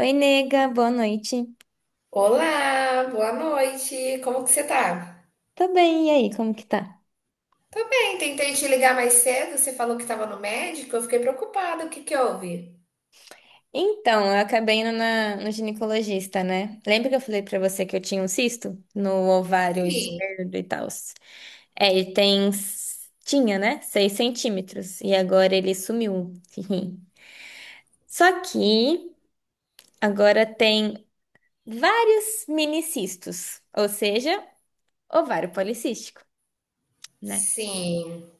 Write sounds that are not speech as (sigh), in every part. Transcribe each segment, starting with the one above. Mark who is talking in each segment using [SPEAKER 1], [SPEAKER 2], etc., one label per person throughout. [SPEAKER 1] Oi, nega, boa noite.
[SPEAKER 2] Olá, boa noite. Como que você tá?
[SPEAKER 1] Tô bem, e aí, como que tá?
[SPEAKER 2] Bem, tentei te ligar mais cedo, você falou que estava no médico, eu fiquei preocupada. O que que houve?
[SPEAKER 1] Então, eu acabei indo no ginecologista, né? Lembra que eu falei pra você que eu tinha um cisto no ovário
[SPEAKER 2] Sim,
[SPEAKER 1] esquerdo e tal? É, tinha, né? 6 cm. E agora ele sumiu. (laughs) Só que agora tem vários minicistos, ou seja, ovário policístico, né?
[SPEAKER 2] sim.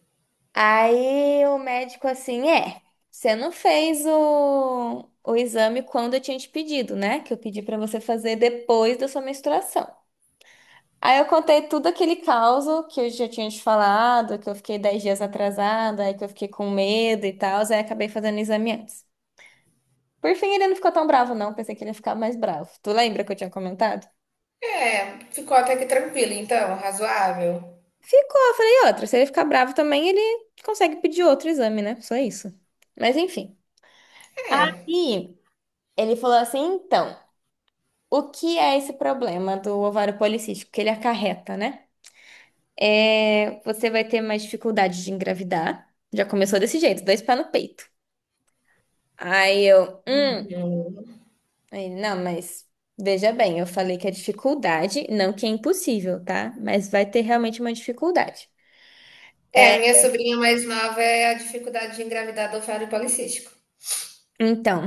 [SPEAKER 1] Aí o médico assim, você não fez o exame quando eu tinha te pedido, né? Que eu pedi pra você fazer depois da sua menstruação. Aí eu contei tudo aquele caos que eu já tinha te falado, que eu fiquei 10 dias atrasada, aí que eu fiquei com medo e tal, aí acabei fazendo o exame antes. Por fim, ele não ficou tão bravo, não. Pensei que ele ia ficar mais bravo. Tu lembra que eu tinha comentado?
[SPEAKER 2] É, ficou até que tranquilo, então, razoável.
[SPEAKER 1] Ficou, eu falei outra. Se ele ficar bravo também, ele consegue pedir outro exame, né? Só isso. Mas enfim.
[SPEAKER 2] É.
[SPEAKER 1] Aí. Ele falou assim: então, o que é esse problema do ovário policístico que ele acarreta, né? É, você vai ter mais dificuldade de engravidar. Já começou desse jeito, dois pés no peito. Aí eu.
[SPEAKER 2] Hum.
[SPEAKER 1] Aí ele, não, mas veja bem, eu falei que é dificuldade, não que é impossível, tá? Mas vai ter realmente uma dificuldade.
[SPEAKER 2] É,
[SPEAKER 1] É,
[SPEAKER 2] minha sobrinha mais nova é a dificuldade de engravidar do ovário policístico.
[SPEAKER 1] então,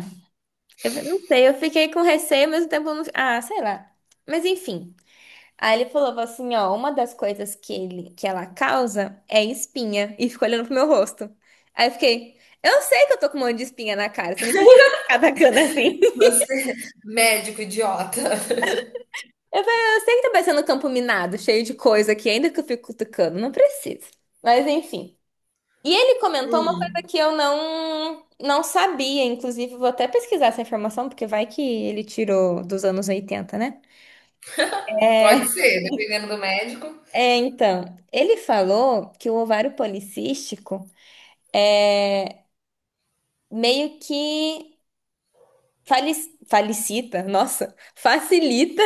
[SPEAKER 1] eu não sei, eu fiquei com receio, mas o tempo eu não. Ah, sei lá. Mas enfim. Aí ele falou assim, ó, uma das coisas que ela causa é espinha. E ficou olhando pro meu rosto. Aí eu fiquei, eu sei que eu tô com um monte de espinha na cara, você não precisa ficar atacando assim. (laughs)
[SPEAKER 2] Você, (laughs) médico idiota.
[SPEAKER 1] Eu falei, "Ah, eu sei que tá parecendo um campo minado, cheio de coisa aqui, ainda que eu fico cutucando, não precisa. Mas enfim. E ele comentou uma coisa que eu não sabia, inclusive vou até pesquisar essa informação, porque vai que ele tirou dos anos 80, né?
[SPEAKER 2] Pode
[SPEAKER 1] É,
[SPEAKER 2] ser, dependendo do médico.
[SPEAKER 1] então, ele falou que o ovário policístico é, meio que facilita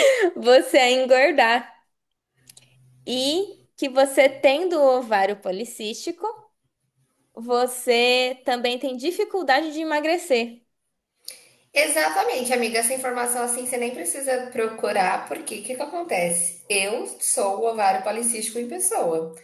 [SPEAKER 1] (laughs) você a engordar. E que você tendo o ovário policístico, você também tem dificuldade de emagrecer.
[SPEAKER 2] Exatamente, amiga. Essa informação assim você nem precisa procurar, porque o que que acontece? Eu sou o ovário policístico em pessoa,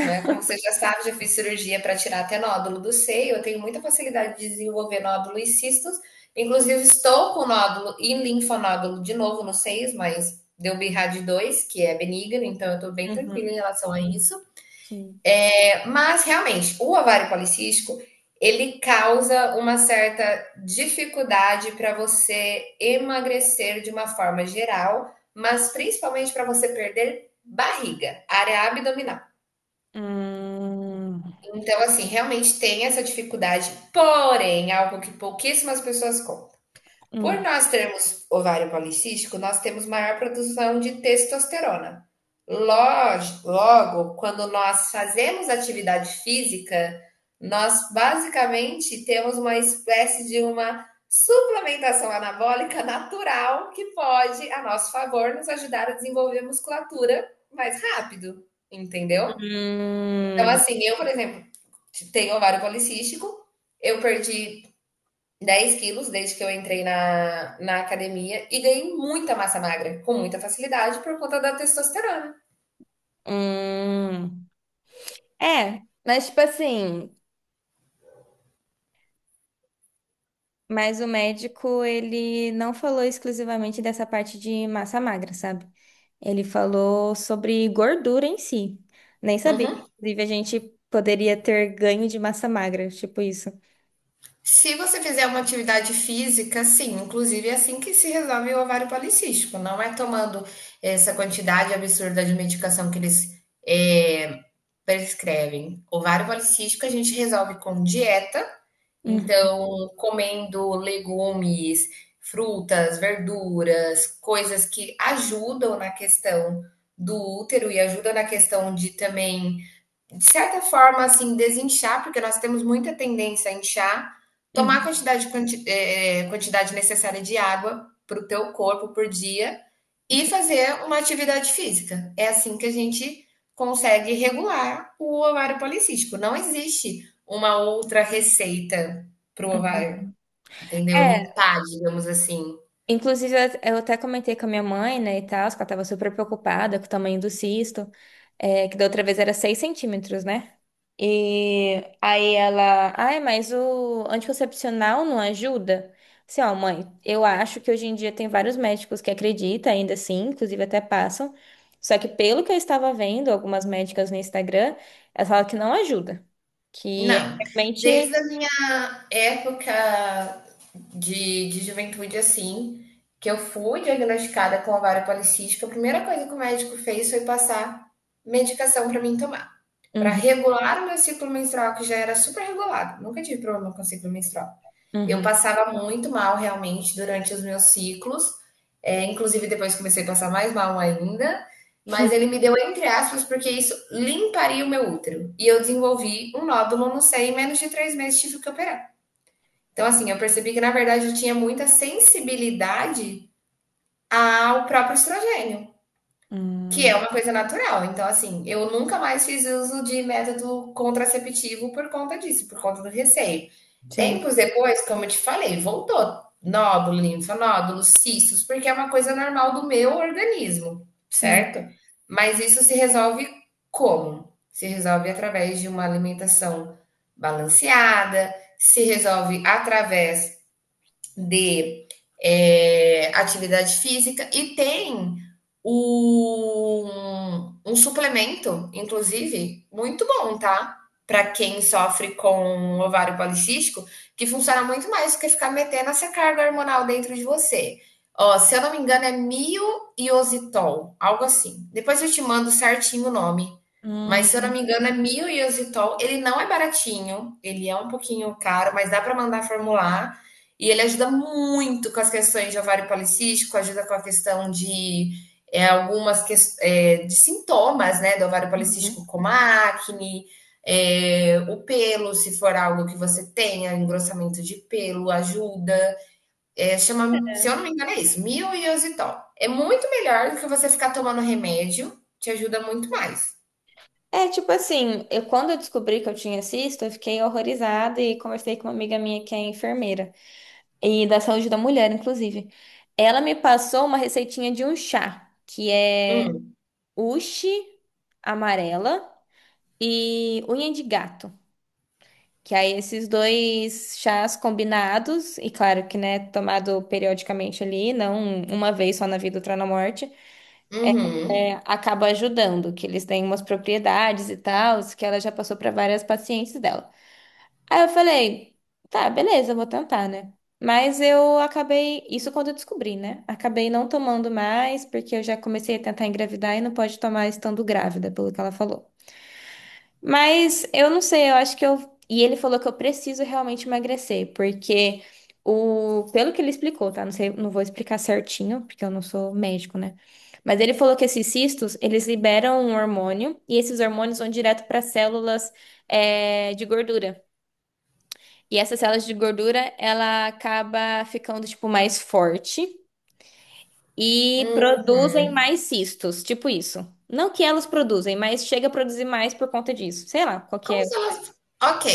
[SPEAKER 2] né? Como você já sabe, já fiz cirurgia para tirar até nódulo do seio. Eu tenho muita facilidade de desenvolver nódulo e cistos. Inclusive, estou com nódulo e linfonódulo de novo nos seios, mas deu brad 2, que é benigno, então eu estou bem tranquila
[SPEAKER 1] Uhum.
[SPEAKER 2] em relação a isso.
[SPEAKER 1] Sim.
[SPEAKER 2] Mas realmente, o ovário policístico, ele causa uma certa dificuldade para você emagrecer de uma forma geral, mas principalmente para você perder barriga, área abdominal.
[SPEAKER 1] Hum,
[SPEAKER 2] Então, assim, realmente tem essa dificuldade, porém, é algo que pouquíssimas pessoas contam. Por
[SPEAKER 1] hum.
[SPEAKER 2] nós termos ovário policístico, nós temos maior produção de testosterona. Logo, quando nós fazemos atividade física, nós basicamente temos uma espécie de uma suplementação anabólica natural que pode, a nosso favor, nos ajudar a desenvolver musculatura mais rápido, entendeu? Então,
[SPEAKER 1] Hum,
[SPEAKER 2] assim, eu, por exemplo, tenho ovário policístico, eu perdi 10 quilos desde que eu entrei na academia e ganhei muita massa magra, com muita facilidade, por conta da testosterona.
[SPEAKER 1] hum. É, mas tipo assim. Mas o médico, ele não falou exclusivamente dessa parte de massa magra, sabe? Ele falou sobre gordura em si. Nem sabia que
[SPEAKER 2] Uhum.
[SPEAKER 1] inclusive, a gente poderia ter ganho de massa magra, tipo isso.
[SPEAKER 2] Se você fizer uma atividade física, sim, inclusive é assim que se resolve o ovário policístico. Não é tomando essa quantidade absurda de medicação que eles é, prescrevem. Ovário policístico a gente resolve com dieta.
[SPEAKER 1] Uhum,
[SPEAKER 2] Então, comendo legumes, frutas, verduras, coisas que ajudam na questão do útero e ajuda na questão de também de certa forma, assim, desinchar, porque nós temos muita tendência a inchar, tomar a
[SPEAKER 1] uhum.
[SPEAKER 2] quantidade, quanti- eh, eh, quantidade necessária de água para o teu corpo por dia e fazer uma atividade física. É assim que a gente consegue regular o ovário policístico. Não existe uma outra receita para o ovário, entendeu?
[SPEAKER 1] É,
[SPEAKER 2] Limpar, digamos assim.
[SPEAKER 1] inclusive eu até comentei com a minha mãe, né, e tal, que ela tava super preocupada com o tamanho do cisto, que da outra vez era 6 cm, né? E aí ela, ai, mas o anticoncepcional não ajuda? Assim, ó, mãe, eu acho que hoje em dia tem vários médicos que acreditam ainda assim, inclusive até passam. Só que pelo que eu estava vendo, algumas médicas no Instagram, elas falam que não ajuda. Que é
[SPEAKER 2] Não,
[SPEAKER 1] realmente.
[SPEAKER 2] desde a minha época de juventude, assim, que eu fui diagnosticada com ovário policístico, a primeira coisa que o médico fez foi passar medicação para mim tomar, para
[SPEAKER 1] Uhum,
[SPEAKER 2] regular o meu ciclo menstrual, que já era super regulado, nunca tive problema com ciclo menstrual. Eu
[SPEAKER 1] uhum.
[SPEAKER 2] passava muito mal realmente durante os meus ciclos, é, inclusive depois comecei a passar mais mal ainda, mas ele
[SPEAKER 1] (laughs)
[SPEAKER 2] me deu entre aspas, porque isso limparia o meu útero. E eu desenvolvi um nódulo no seio e em menos de 3 meses tive que operar. Então, assim, eu percebi que, na verdade, eu tinha muita sensibilidade ao próprio estrogênio, que é
[SPEAKER 1] Hum,
[SPEAKER 2] uma coisa natural. Então, assim, eu nunca mais fiz uso de método contraceptivo por conta disso, por conta do receio.
[SPEAKER 1] sim,
[SPEAKER 2] Tempos depois, como eu te falei, voltou nódulo, linfonodulos, cistos, porque é uma coisa normal do meu organismo,
[SPEAKER 1] sim.
[SPEAKER 2] certo? Mas isso se resolve como? Se resolve através de uma alimentação balanceada, se resolve através de atividade física e tem um suplemento, inclusive, muito bom, tá? Para quem sofre com um ovário policístico, que funciona muito mais do que ficar metendo essa carga hormonal dentro de você. Ó, se eu não me engano, é mioiositol, algo assim. Depois eu te mando certinho o nome. Mas se eu não
[SPEAKER 1] Hum,
[SPEAKER 2] me engano, é mioiositol. Ele não é baratinho, ele é um pouquinho caro, mas dá para mandar formular. E ele ajuda muito com as questões de ovário policístico, ajuda com a questão de algumas que, de sintomas né, do ovário
[SPEAKER 1] uhum.
[SPEAKER 2] policístico, como a acne, o pelo, se for algo que você tenha, engrossamento de pelo, ajuda. É, chama, se eu não me engano, é isso, milioxitol. É muito melhor do que você ficar tomando remédio, te ajuda muito mais.
[SPEAKER 1] É, tipo assim, eu, quando eu descobri que eu tinha cisto, eu fiquei horrorizada e conversei com uma amiga minha que é enfermeira, e da saúde da mulher, inclusive. Ela me passou uma receitinha de um chá, que é
[SPEAKER 2] Hum,
[SPEAKER 1] uxi amarela e unha de gato. Que aí esses dois chás combinados, e claro que, né, tomado periodicamente ali, não uma vez só na vida, outra na morte,
[SPEAKER 2] uhum,
[SPEAKER 1] acaba ajudando, que eles têm umas propriedades e tal, que ela já passou para várias pacientes dela. Aí eu falei, tá, beleza, eu vou tentar, né? Mas eu acabei, isso quando eu descobri, né? Acabei não tomando mais, porque eu já comecei a tentar engravidar e não pode tomar estando grávida, pelo que ela falou. Mas eu não sei, eu acho que eu. E ele falou que eu preciso realmente emagrecer, porque o. Pelo que ele explicou, tá? Não sei, não vou explicar certinho, porque eu não sou médico, né? Mas ele falou que esses cistos, eles liberam um hormônio, e esses hormônios vão direto para células, de gordura. E essas células de gordura, ela acaba ficando, tipo, mais forte e produzem
[SPEAKER 2] uhum.
[SPEAKER 1] mais cistos, tipo isso. Não que elas produzem, mas chega a produzir mais por conta disso. Sei lá, qual que
[SPEAKER 2] Como
[SPEAKER 1] é.
[SPEAKER 2] se elas. Ok,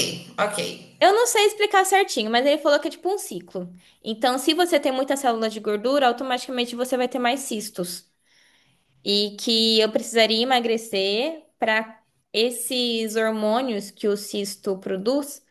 [SPEAKER 2] ok.
[SPEAKER 1] Eu não sei explicar certinho, mas ele falou que é tipo um ciclo. Então, se você tem muita célula de gordura, automaticamente você vai ter mais cistos. E que eu precisaria emagrecer para esses hormônios que o cisto produz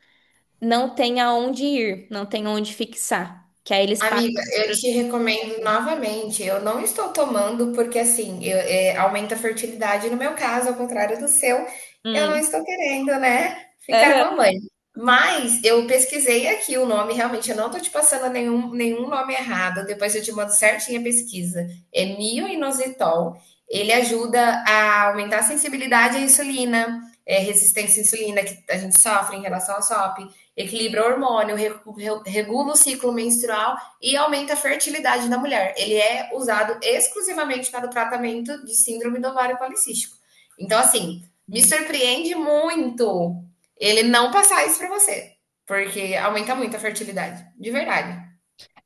[SPEAKER 1] não tenha onde ir, não tenha onde fixar. Que aí eles param.
[SPEAKER 2] Amiga, eu te recomendo novamente. Eu não estou tomando porque, assim, aumenta a fertilidade. No meu caso, ao contrário do seu, eu não
[SPEAKER 1] Hum,
[SPEAKER 2] estou querendo, né, ficar
[SPEAKER 1] aham.
[SPEAKER 2] mamãe. Mas eu pesquisei aqui o nome, realmente, eu não estou te passando nenhum, nome errado. Depois eu te mando certinho a pesquisa. É mioinositol. Ele ajuda a aumentar a sensibilidade à insulina, é, resistência à insulina que a gente sofre em relação à SOP, equilibra o hormônio, regula o ciclo menstrual e aumenta a fertilidade da mulher. Ele é usado exclusivamente para o tratamento de síndrome do ovário policístico. Então, assim, me surpreende muito ele não passar isso para você, porque aumenta muito a fertilidade, de verdade.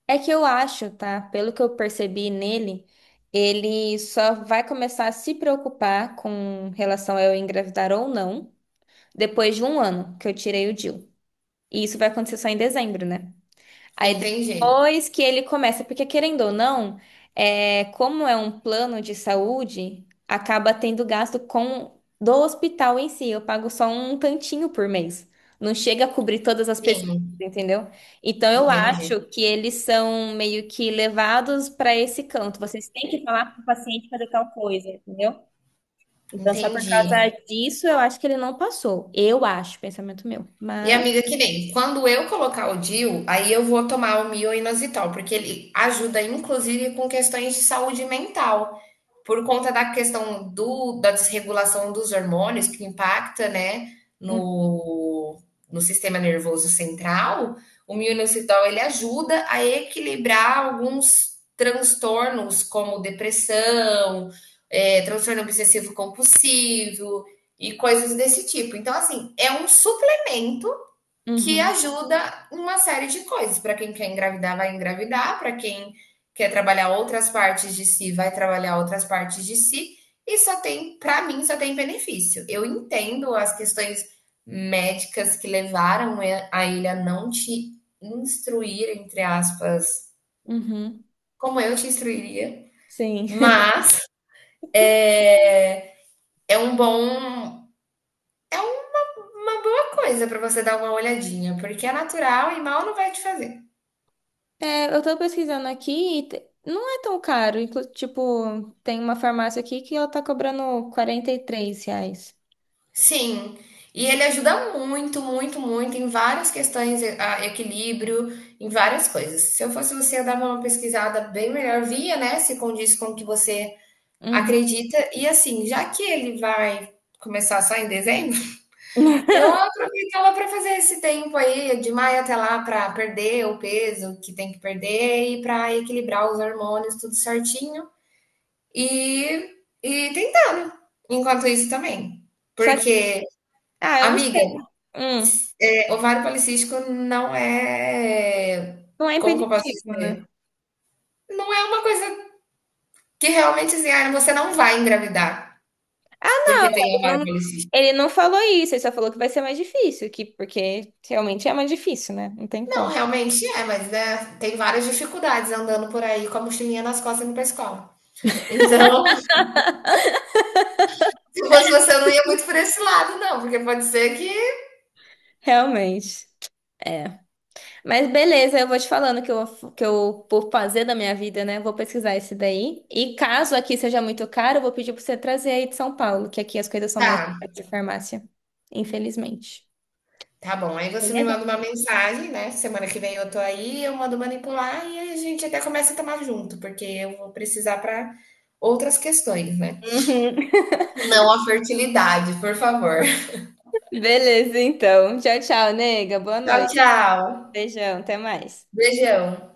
[SPEAKER 1] É que eu acho, tá? Pelo que eu percebi nele, ele só vai começar a se preocupar com relação a eu engravidar ou não depois de um ano que eu tirei o DIU. E isso vai acontecer só em dezembro, né? Aí
[SPEAKER 2] Entendi.
[SPEAKER 1] depois que ele começa, porque querendo ou não, como é um plano de saúde, acaba tendo gasto com do hospital em si. Eu pago só um tantinho por mês. Não chega a cobrir todas as pesquisas,
[SPEAKER 2] Sim,
[SPEAKER 1] entendeu? Então eu
[SPEAKER 2] entendi.
[SPEAKER 1] acho que eles são meio que levados para esse canto. Vocês têm que falar para o paciente fazer tal coisa, entendeu? Então só por
[SPEAKER 2] Entendi.
[SPEAKER 1] causa disso eu acho que ele não passou. Eu acho, pensamento meu.
[SPEAKER 2] E
[SPEAKER 1] Mas.
[SPEAKER 2] amiga, que nem, quando eu colocar o DIU, aí eu vou tomar o mioinositol, porque ele ajuda inclusive com questões de saúde mental, por conta da questão da desregulação dos hormônios que impacta, né,
[SPEAKER 1] hum,
[SPEAKER 2] no, no sistema nervoso central, o mioinositol ele ajuda a equilibrar alguns transtornos como depressão, transtorno obsessivo compulsivo e coisas desse tipo. Então, assim, é um suplemento que
[SPEAKER 1] Uhum,
[SPEAKER 2] ajuda uma série de coisas. Para quem quer engravidar, vai engravidar, para quem quer trabalhar outras partes de si, vai trabalhar outras partes de si, e só tem, para mim, só tem benefício. Eu entendo as questões médicas que levaram a ele a não te instruir, entre aspas,
[SPEAKER 1] uhum,
[SPEAKER 2] como eu te instruiria,
[SPEAKER 1] sim.
[SPEAKER 2] mas é, é um bom, é uma boa coisa para você dar uma olhadinha, porque é natural e mal não vai te fazer.
[SPEAKER 1] É, eu tô pesquisando aqui e não é tão caro. Tipo, tem uma farmácia aqui que ela tá cobrando R$ 43.
[SPEAKER 2] Sim, e ele ajuda muito, muito, muito em várias questões, a equilíbrio, em várias coisas. Se eu fosse você, eu dava uma pesquisada bem melhor, via, né, se condiz com o que você
[SPEAKER 1] Uhum.
[SPEAKER 2] acredita. E assim, já que ele vai começar só em dezembro, (laughs) eu
[SPEAKER 1] (laughs)
[SPEAKER 2] aproveitava para fazer esse tempo aí, de maio até lá, para perder o peso que tem que perder e para equilibrar os hormônios, tudo certinho. E, e tentando, enquanto isso também.
[SPEAKER 1] Só que,
[SPEAKER 2] Porque,
[SPEAKER 1] ah, eu não
[SPEAKER 2] amiga,
[SPEAKER 1] sei. Hum,
[SPEAKER 2] ovário policístico não é,
[SPEAKER 1] não é
[SPEAKER 2] como que eu posso
[SPEAKER 1] impeditivo,
[SPEAKER 2] dizer?
[SPEAKER 1] né?
[SPEAKER 2] Não é uma coisa que realmente assim, ah, você não vai engravidar porque tem
[SPEAKER 1] Ele
[SPEAKER 2] ovário
[SPEAKER 1] não,
[SPEAKER 2] policístico.
[SPEAKER 1] ele não falou isso, ele só falou que vai ser mais difícil, que, porque realmente é mais difícil, né? Não tem
[SPEAKER 2] Não,
[SPEAKER 1] como.
[SPEAKER 2] realmente é, mas, né, tem várias dificuldades andando por aí com a mochilinha nas costas indo pra escola. Então, (laughs) se fosse você, eu não ia muito por esse lado não, porque pode ser que.
[SPEAKER 1] Realmente. É. Mas beleza, eu vou te falando que eu, por fazer da minha vida, né? Vou pesquisar esse daí. E caso aqui seja muito caro, eu vou pedir pra você trazer aí de São Paulo, que aqui as coisas são mais
[SPEAKER 2] Tá,
[SPEAKER 1] caras de farmácia, infelizmente.
[SPEAKER 2] tá bom, aí você me
[SPEAKER 1] Beleza?
[SPEAKER 2] manda uma mensagem, né, semana que vem eu tô aí, eu mando manipular e aí a gente até começa a tomar junto, porque eu vou precisar pra outras questões, né,
[SPEAKER 1] Uhum.
[SPEAKER 2] não a fertilidade, por favor.
[SPEAKER 1] (laughs) Beleza, então. Tchau, tchau, nega. Boa
[SPEAKER 2] Tchau,
[SPEAKER 1] noite.
[SPEAKER 2] tchau.
[SPEAKER 1] Beijão, até mais.
[SPEAKER 2] Beijão.